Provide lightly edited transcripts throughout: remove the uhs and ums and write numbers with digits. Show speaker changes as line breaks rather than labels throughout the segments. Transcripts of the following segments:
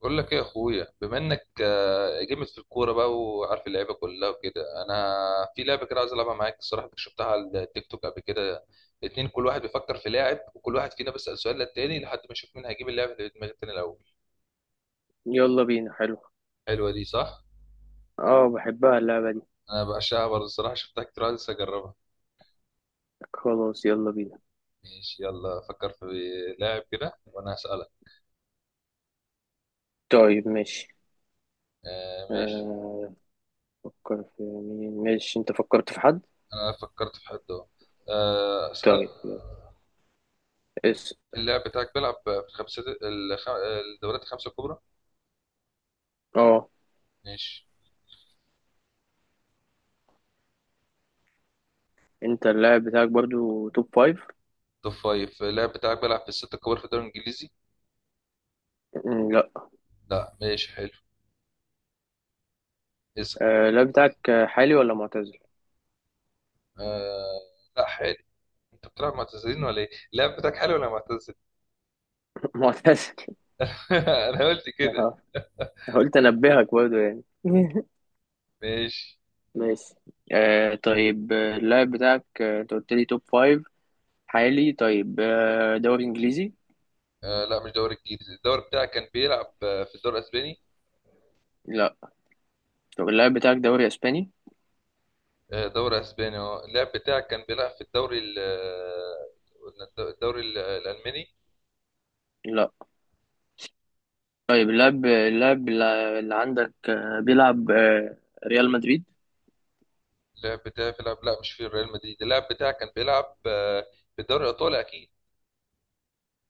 بقول لك ايه يا اخويا؟ بما انك جامد في الكوره بقى وعارف اللعيبه كلها وكده، انا في لعبه كده عايز العبها معاك. الصراحه كنت شفتها على التيك توك قبل كده. اتنين، كل واحد بيفكر في لاعب وكل واحد فينا بيسال سؤال للتاني لحد ما يشوف مين هيجيب اللاعب اللي في دماغ التاني الاول.
يلا بينا. حلو.
حلوه دي، صح؟
اه، بحبها اللعبة دي.
انا بعشقها برضه، الصراحه شفتها كتير، عايز اجربها.
خلاص، يلا بينا.
ماشي، يلا فكر في لاعب كده وانا هسالك.
طيب ماشي.
ماشي.
آه، فكر في مين؟ ماشي، انت فكرت في حد؟
انا فكرت في حد اهو. اسال.
طيب يلا. اس
اللاعب بتاعك بيلعب في الخمسة الدوريات الخمسه الكبرى؟
اه،
ماشي.
انت اللاعب بتاعك برضو توب فايف؟
توب فايف. اللاعب بتاعك بيلعب في الستة الكبار في الدوري الإنجليزي؟
لا.
لا، ماشي، حلو. اسأل.
اللاعب بتاعك حالي ولا معتزل؟
آه لا، حلو. أنت بتلعب معتزلين ولا إيه؟ اللاعب بتاعك حلو ولا معتزل؟
معتزل.
أنا قلت كده.
آه، قلت انبهك برضو يعني.
ماشي.
ماشي. طيب اللاعب بتاعك انت قلت لي توب فايف حالي، طيب دوري انجليزي؟
لا، مش دوري إنجليزي. الدوري بتاعك كان بيلعب في الدوري الأسباني؟
لا. طب اللاعب بتاعك دوري اسباني؟
دوري أسباني. اللاعب بتاعك كان بيلعب في الدوري قلنا الدوري الألماني؟
لا. طيب اللاعب اللي عندك بيلعب ريال مدريد؟
اللاعب بتاعي بيلعب، لا مش في ريال مدريد. اللاعب بتاعك كان بيلعب في الدوري الإيطالي أكيد؟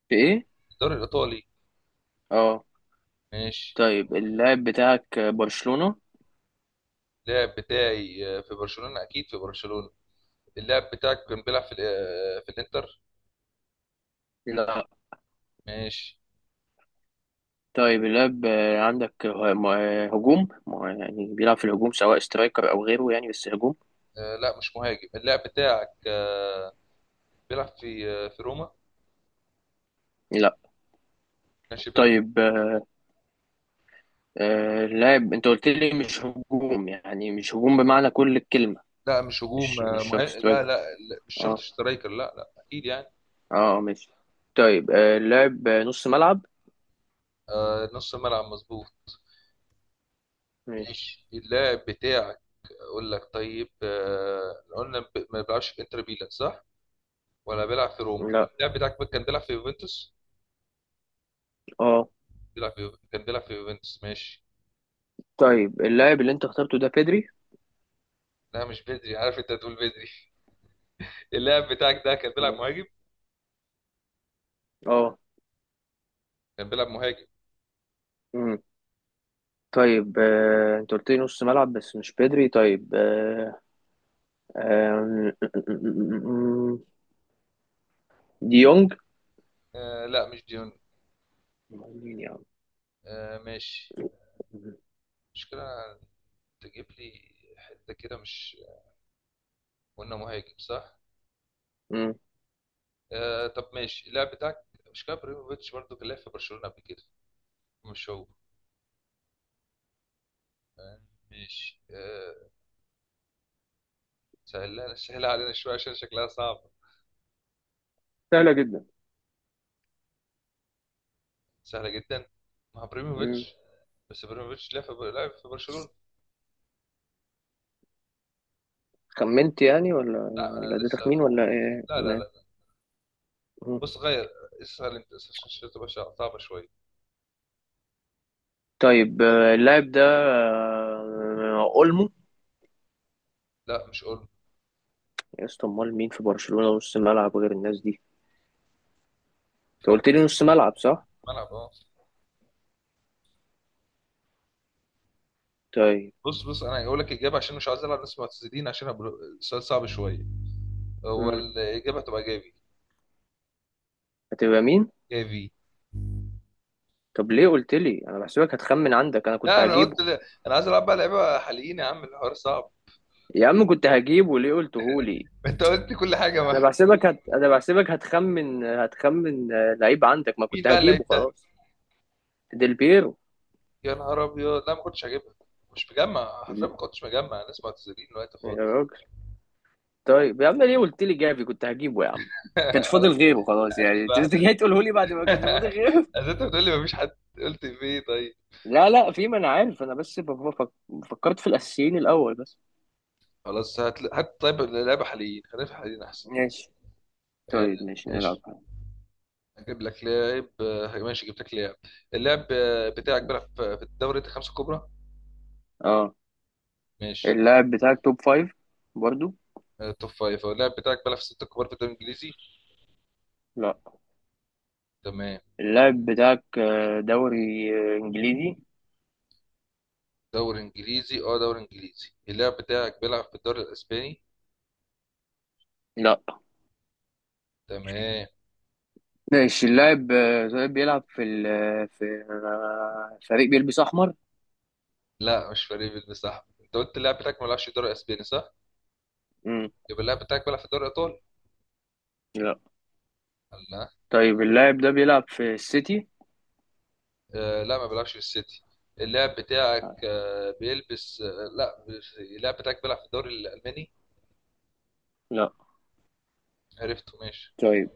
في ايه؟
الدوري الإيطالي.
اه.
ماشي.
طيب اللاعب بتاعك برشلونة؟
اللاعب بتاعي في برشلونة، أكيد في برشلونة. اللاعب بتاعك كان بيلعب في في الإنتر؟
لا.
ماشي.
طيب اللاعب عندك هجوم، يعني بيلعب في الهجوم، سواء سترايكر او غيره يعني، بس هجوم؟
لا، مش مهاجم. اللاعب بتاعك بيلعب في في روما؟
لا.
ماشي، بيلعب.
طيب اللاعب انت قلت لي مش هجوم، يعني مش هجوم بمعنى كل الكلمة؟
لا، مش هجوم،
مش مش شرط
لا, لا
سترايكر.
لا. مش شرط
اه.
سترايكر، لا لا، أكيد يعني.
اه ماشي. طيب اللاعب نص ملعب؟
نص ملعب مظبوط.
ماشي.
ماشي. اللاعب بتاعك أقول لك، طيب قلنا ما بيلعبش في إنتر ميلان، صح؟ ولا بيلعب في روما؟
لا.
اللاعب بتاعك كان بيلعب في يوفنتوس؟
اه.
كان بيلعب في يوفنتوس. ماشي.
طيب اللاعب اللي انت اخترته ده بيدري؟
لا، مش بدري، عارف انت هتقول بدري. اللاعب بتاعك ده كان بيلعب
ماشي.
مهاجم.
اه.
كان بيلعب مهاجم.
امم طيب انت قلت لي نص ملعب بس مش بيدري. طيب آه، آم، ديونج؟
لا، مش ديون.
مين يا عم؟
ماشي.
مم.
مشكلة تجيب لي حتة كده! مش قلنا مهاجم، صح؟
امم
طب ماشي. اللاعب بتاعك مش كان ابراهيموفيتش برضه كان لاعب في برشلونة قبل كده؟ مش هو؟ آه ماشي. سهلها سهلها علينا شوية، عشان شكلها صعب.
سهلة جدا.
سهلة جدا. مع
امم
ابراهيموفيتش؟ بس ابراهيموفيتش لعب في برشلونة.
خمنت يعني، ولا
لا،
ولا
انا
ده
لسه.
تخمين، ولا ايه؟
لا لا لا.
مم.
بص، غير اسهل، انت اسهل عشان تبقى صعبة شوية.
طيب اللاعب ده اولمو؟
لا، مش اولمو.
يا اسطى، امال مين في برشلونة نص ملعب غير الناس دي؟ انت
في واحد
قلت
تاني.
لي نص ملعب، صح؟
ملعب اه
طيب.
بص بص، انا هقول لك اجابه عشان مش عايز العب ناس معتزلين، عشان السؤال صعب شويه. هو
امم
الاجابه هتبقى جافي.
هتبقى مين؟
جافي.
طب ليه قلت لي؟ انا بحسبك هتخمن عندك، انا كنت
لا، انا قلت
هجيبه.
لا. انا عايز العب بقى لعيبه حاليين يا عم، الحوار صعب.
يا عم كنت هجيبه، ليه قلته لي؟
انت قلت كل حاجه
انا
ما.
انا بحسبك هتخمن لعيب عندك ما
مين
كنت
بقى
هجيبه
اللعيب ده؟
خلاص. ديل بيرو.
يا نهار ابيض! لا، ما كنتش هجيبها. مش مجمع حرفيا،
يا
ما كنتش مجمع ناس معتزلين دلوقتي خالص.
راجل. طيب يا عم ليه قلت لي جافي، كنت هجيبه يا عم. كانش فاضل
خلاص.
غيره خلاص، يعني
هديك
انت
واحده.
جاي تقوله لي بعد ما كانش فاضل غيره.
اذا انت بتقول لي ما فيش حد، قلت في ايه طيب؟
لا لا، في، ما انا عارف، انا بس بفكر. فكرت في الاساسيين الاول بس.
خلاص، هات هات. طيب لعيبه حاليين، خلينا في حاليين احسن.
ماشي.
آه،
طيب ماشي، نلعب.
ماشي. اجيب لك لاعب. ماشي، جبت لك لاعب. اللاعب بتاعك
ماشي.
بيلعب في الدوري الخمسه الكبرى.
اه.
ماشي.
اللاعب بتاعك توب فايف برضو؟
توب فايف. اللاعب بتاعك بيلعب في الستة الكبار في الدوري الانجليزي؟
لا.
تمام.
اللاعب بتاعك دوري انجليزي؟
دوري انجليزي، دوري انجليزي. اللاعب بتاعك بيلعب في الدوري الاسباني؟
لا.
تمام.
ماشي. اللاعب طيب بيلعب في في فريق بيلبس احمر؟
لا، مش فريق بن. صح، انت قلت اللاعب بتاعك ما بيلعبش في الدوري الاسباني، صح؟
مم.
يبقى اللاعب بتاعك بيلعب في الدوري الايطالي؟
لا.
لا.
طيب اللاعب ده بيلعب في السيتي؟
لا، ما بيلعبش في السيتي. اللاعب بتاعك بيلبس لا. اللاعب بتاعك بيلعب في الدوري الالماني؟
لا.
عرفته. ماشي.
طيب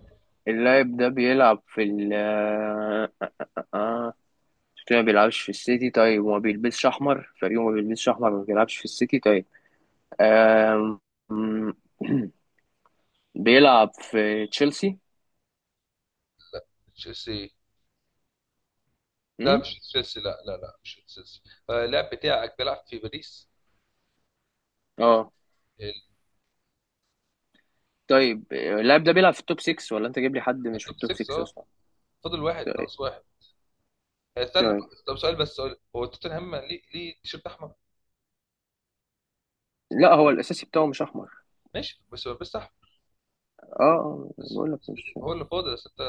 اللاعب ده بيلعب في ال آه، آه، آه. ما بيلعبش في السيتي، طيب، وما بيلبسش احمر، فريقه ما بيلبسش احمر، ما بيلعبش في السيتي، طيب آم، مم. بيلعب في تشيلسي؟
تشيلسي؟ لا،
مم؟
مش تشيلسي. لا لا لا، مش تشيلسي. اللاعب بتاعك بيلعب في باريس
اه.
ال-
طيب اللاعب ده بيلعب في التوب 6 ولا انت جايب لي حد مش في
التوب
التوب
6،
6 اصلا؟
فاضل واحد،
طيب.
ناقص واحد. استنى.
طيب.
طب سؤال، بس سؤال: هو توتنهام ليه ليه تيشيرت احمر؟
لا، هو الاساسي بتاعه مش احمر.
ماشي، بس بس احمر.
اه،
بس
بقول لك
بس
مش.
كده. هو اللي فاضل، بس انت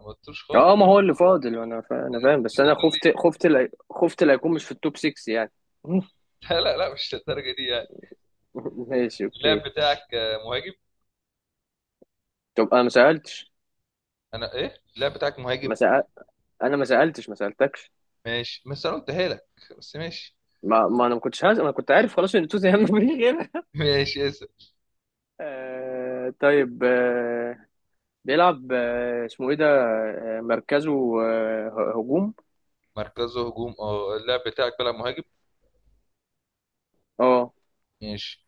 ما قلتوش خالص.
اه، ما هو اللي فاضل، انا انا فاهم، بس
انت
انا
تقول
خفت
لي!
خفت لا... خفت لا يكون مش في التوب 6 يعني.
لا لا لا، مش للدرجه دي يعني.
ماشي
اللاعب
اوكي.
بتاعك مهاجم؟
طب انا ما سالتش.
انا ايه! اللاعب بتاعك
ما
مهاجم.
سأل... انا ما سالتش، ما سالتكش.
ماشي، بس انا قلتها لك. بس ماشي.
ما, ما انا ما كنتش هز... انا كنت عارف خلاص ان توتنهام ما فيش غيرها.
ماشي، اسف.
طيب بيلعب، اسمه ايه ده، مركزه هجوم؟
مركزه هجوم، اللاعب بتاعك بيلعب مهاجم.
اه.
ماشي.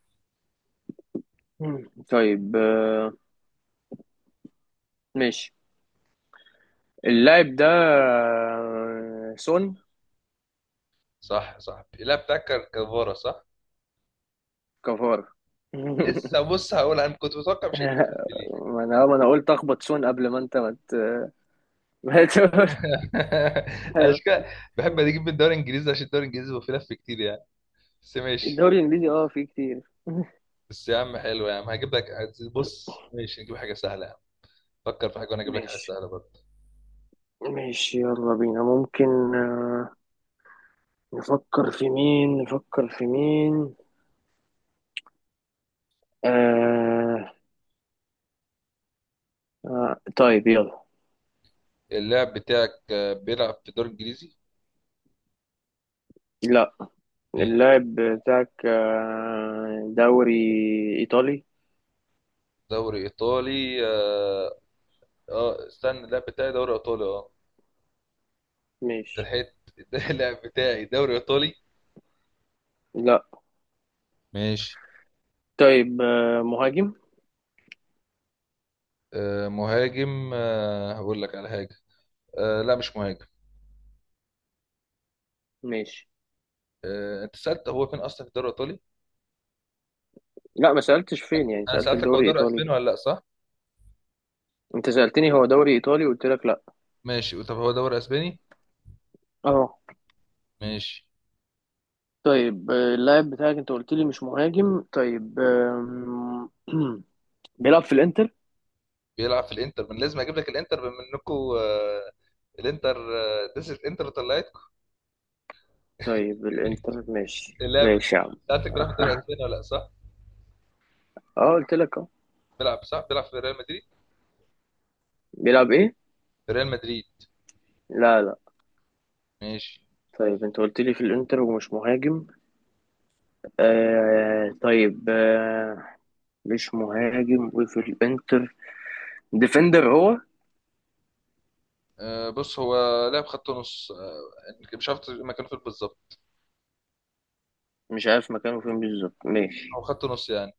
مم. طيب ماشي. اللاعب ده سون.
صح صح، اللاعب بتاعك كفارة، صح.
كفار.
لسه، بص، هقول انا كنت متوقع مش هتجيب ديمبلي.
ما انا قلت اخبط سون قبل ما انت ما مت... ما تقول. حلو.
اشكال. بحب اجيب من الدوري الانجليزي عشان الدوري الانجليزي بيبقى فيه لف كتير يعني. بس ماشي.
الدوري الانجليزي اه فيه كتير.
بس يا عم، حلو. يا عم هجيب لك. بص، ماشي، نجيب حاجه سهله يا عم. فكر في حاجه وانا اجيب لك حاجه
ماشي
سهله برضه.
ماشي، يلا بينا. ممكن نفكر في مين، نفكر في مين؟ آه... طيب يلا.
اللاعب بتاعك بيلعب في الدوري الانجليزي؟
لا.
ماشي.
اللاعب بتاعك دوري ايطالي؟
دوري ايطالي، اه. استنى، اللاعب بتاعي دوري ايطالي، اه؟ أنت
ماشي.
لحقت؟ اللاعب بتاعي دوري ايطالي.
لا.
ماشي.
طيب مهاجم؟
مهاجم، هقول لك على حاجه. لا، مش مهاجم.
ماشي.
انت سالت هو فين اصلا في الدوري الايطالي؟
لا، ما سألتش فين، يعني
انا
سألتك
سالتك هو
دوري
دوري
إيطالي
اسباني
ده.
ولا لا، صح؟
أنت سألتني هو دوري إيطالي، قلت لك لا.
ماشي، طب هو دوري اسباني.
اه.
ماشي.
طيب اللاعب بتاعك أنت قلت لي مش مهاجم، طيب بيلعب في الإنتر.
بيلعب في الانتر، من لازم اجيب لك الانتر بما انكم. الانتر. ديس الانتر طلعت.
طيب، الإنتر، ماشي
اللاعب
ماشي يا عم.
سالتك بيلعب في الدوري الاسباني ولا لا، صح؟
اه، قلت لك اه.
بيلعب، صح، بيلعب في ريال مدريد؟
بيلعب إيه؟
في ريال مدريد.
لا لا.
ماشي.
طيب أنت قلت لي في الإنتر ومش مهاجم، طيب مش مهاجم وفي الإنتر، ديفندر هو؟
بص، هو لاعب خط نص، مش عارف مكانه فين بالظبط.
مش عارف مكانه فين بالظبط،
هو
ماشي.
خط نص يعني.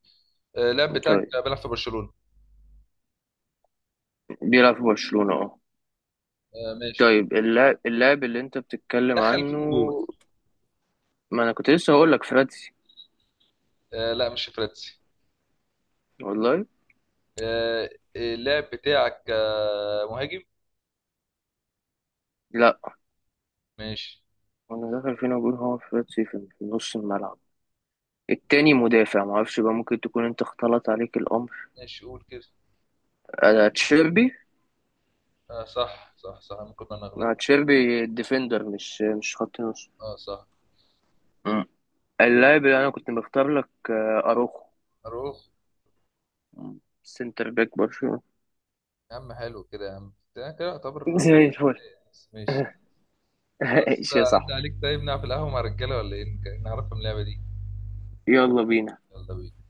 اللاعب بتاعك
طيب
بيلعب في برشلونة؟
بيلعب في برشلونة، اه.
ماشي.
طيب اللاعب اللي انت بتتكلم
دخل فيكم
عنه.
جول.
ما انا كنت لسه هقول لك فراتسي
لا، مش فراتسي.
والله.
آه، اللاعب بتاعك مهاجم؟
لا.
ماشي.
انا داخل فينا بقول هو فراتسي في نص الملعب، التاني مدافع، ما اعرفش بقى، ممكن تكون انت اختلط عليك الامر.
ماشي، قول كده.
انا تشيربي.
صح صح صح، ممكن انا اغلط.
ما تشيربي ديفندر، مش خط نص.
اه، صح.
مم. اللاعب اللي انا كنت مختار لك اروخو.
اروح؟
مم. سنتر باك برشلونة.
يا عم حلو كده، يا عم ده كده يعتبر.
زي الفل.
ماشي. خلاص.
ايش يا
عدى
صاحبي؟
عليك. طيب نلعب في القهوة مع الرجالة ولا ايه؟ نعرفهم اللعبة دي.
يلا بينا.
يلا بينا.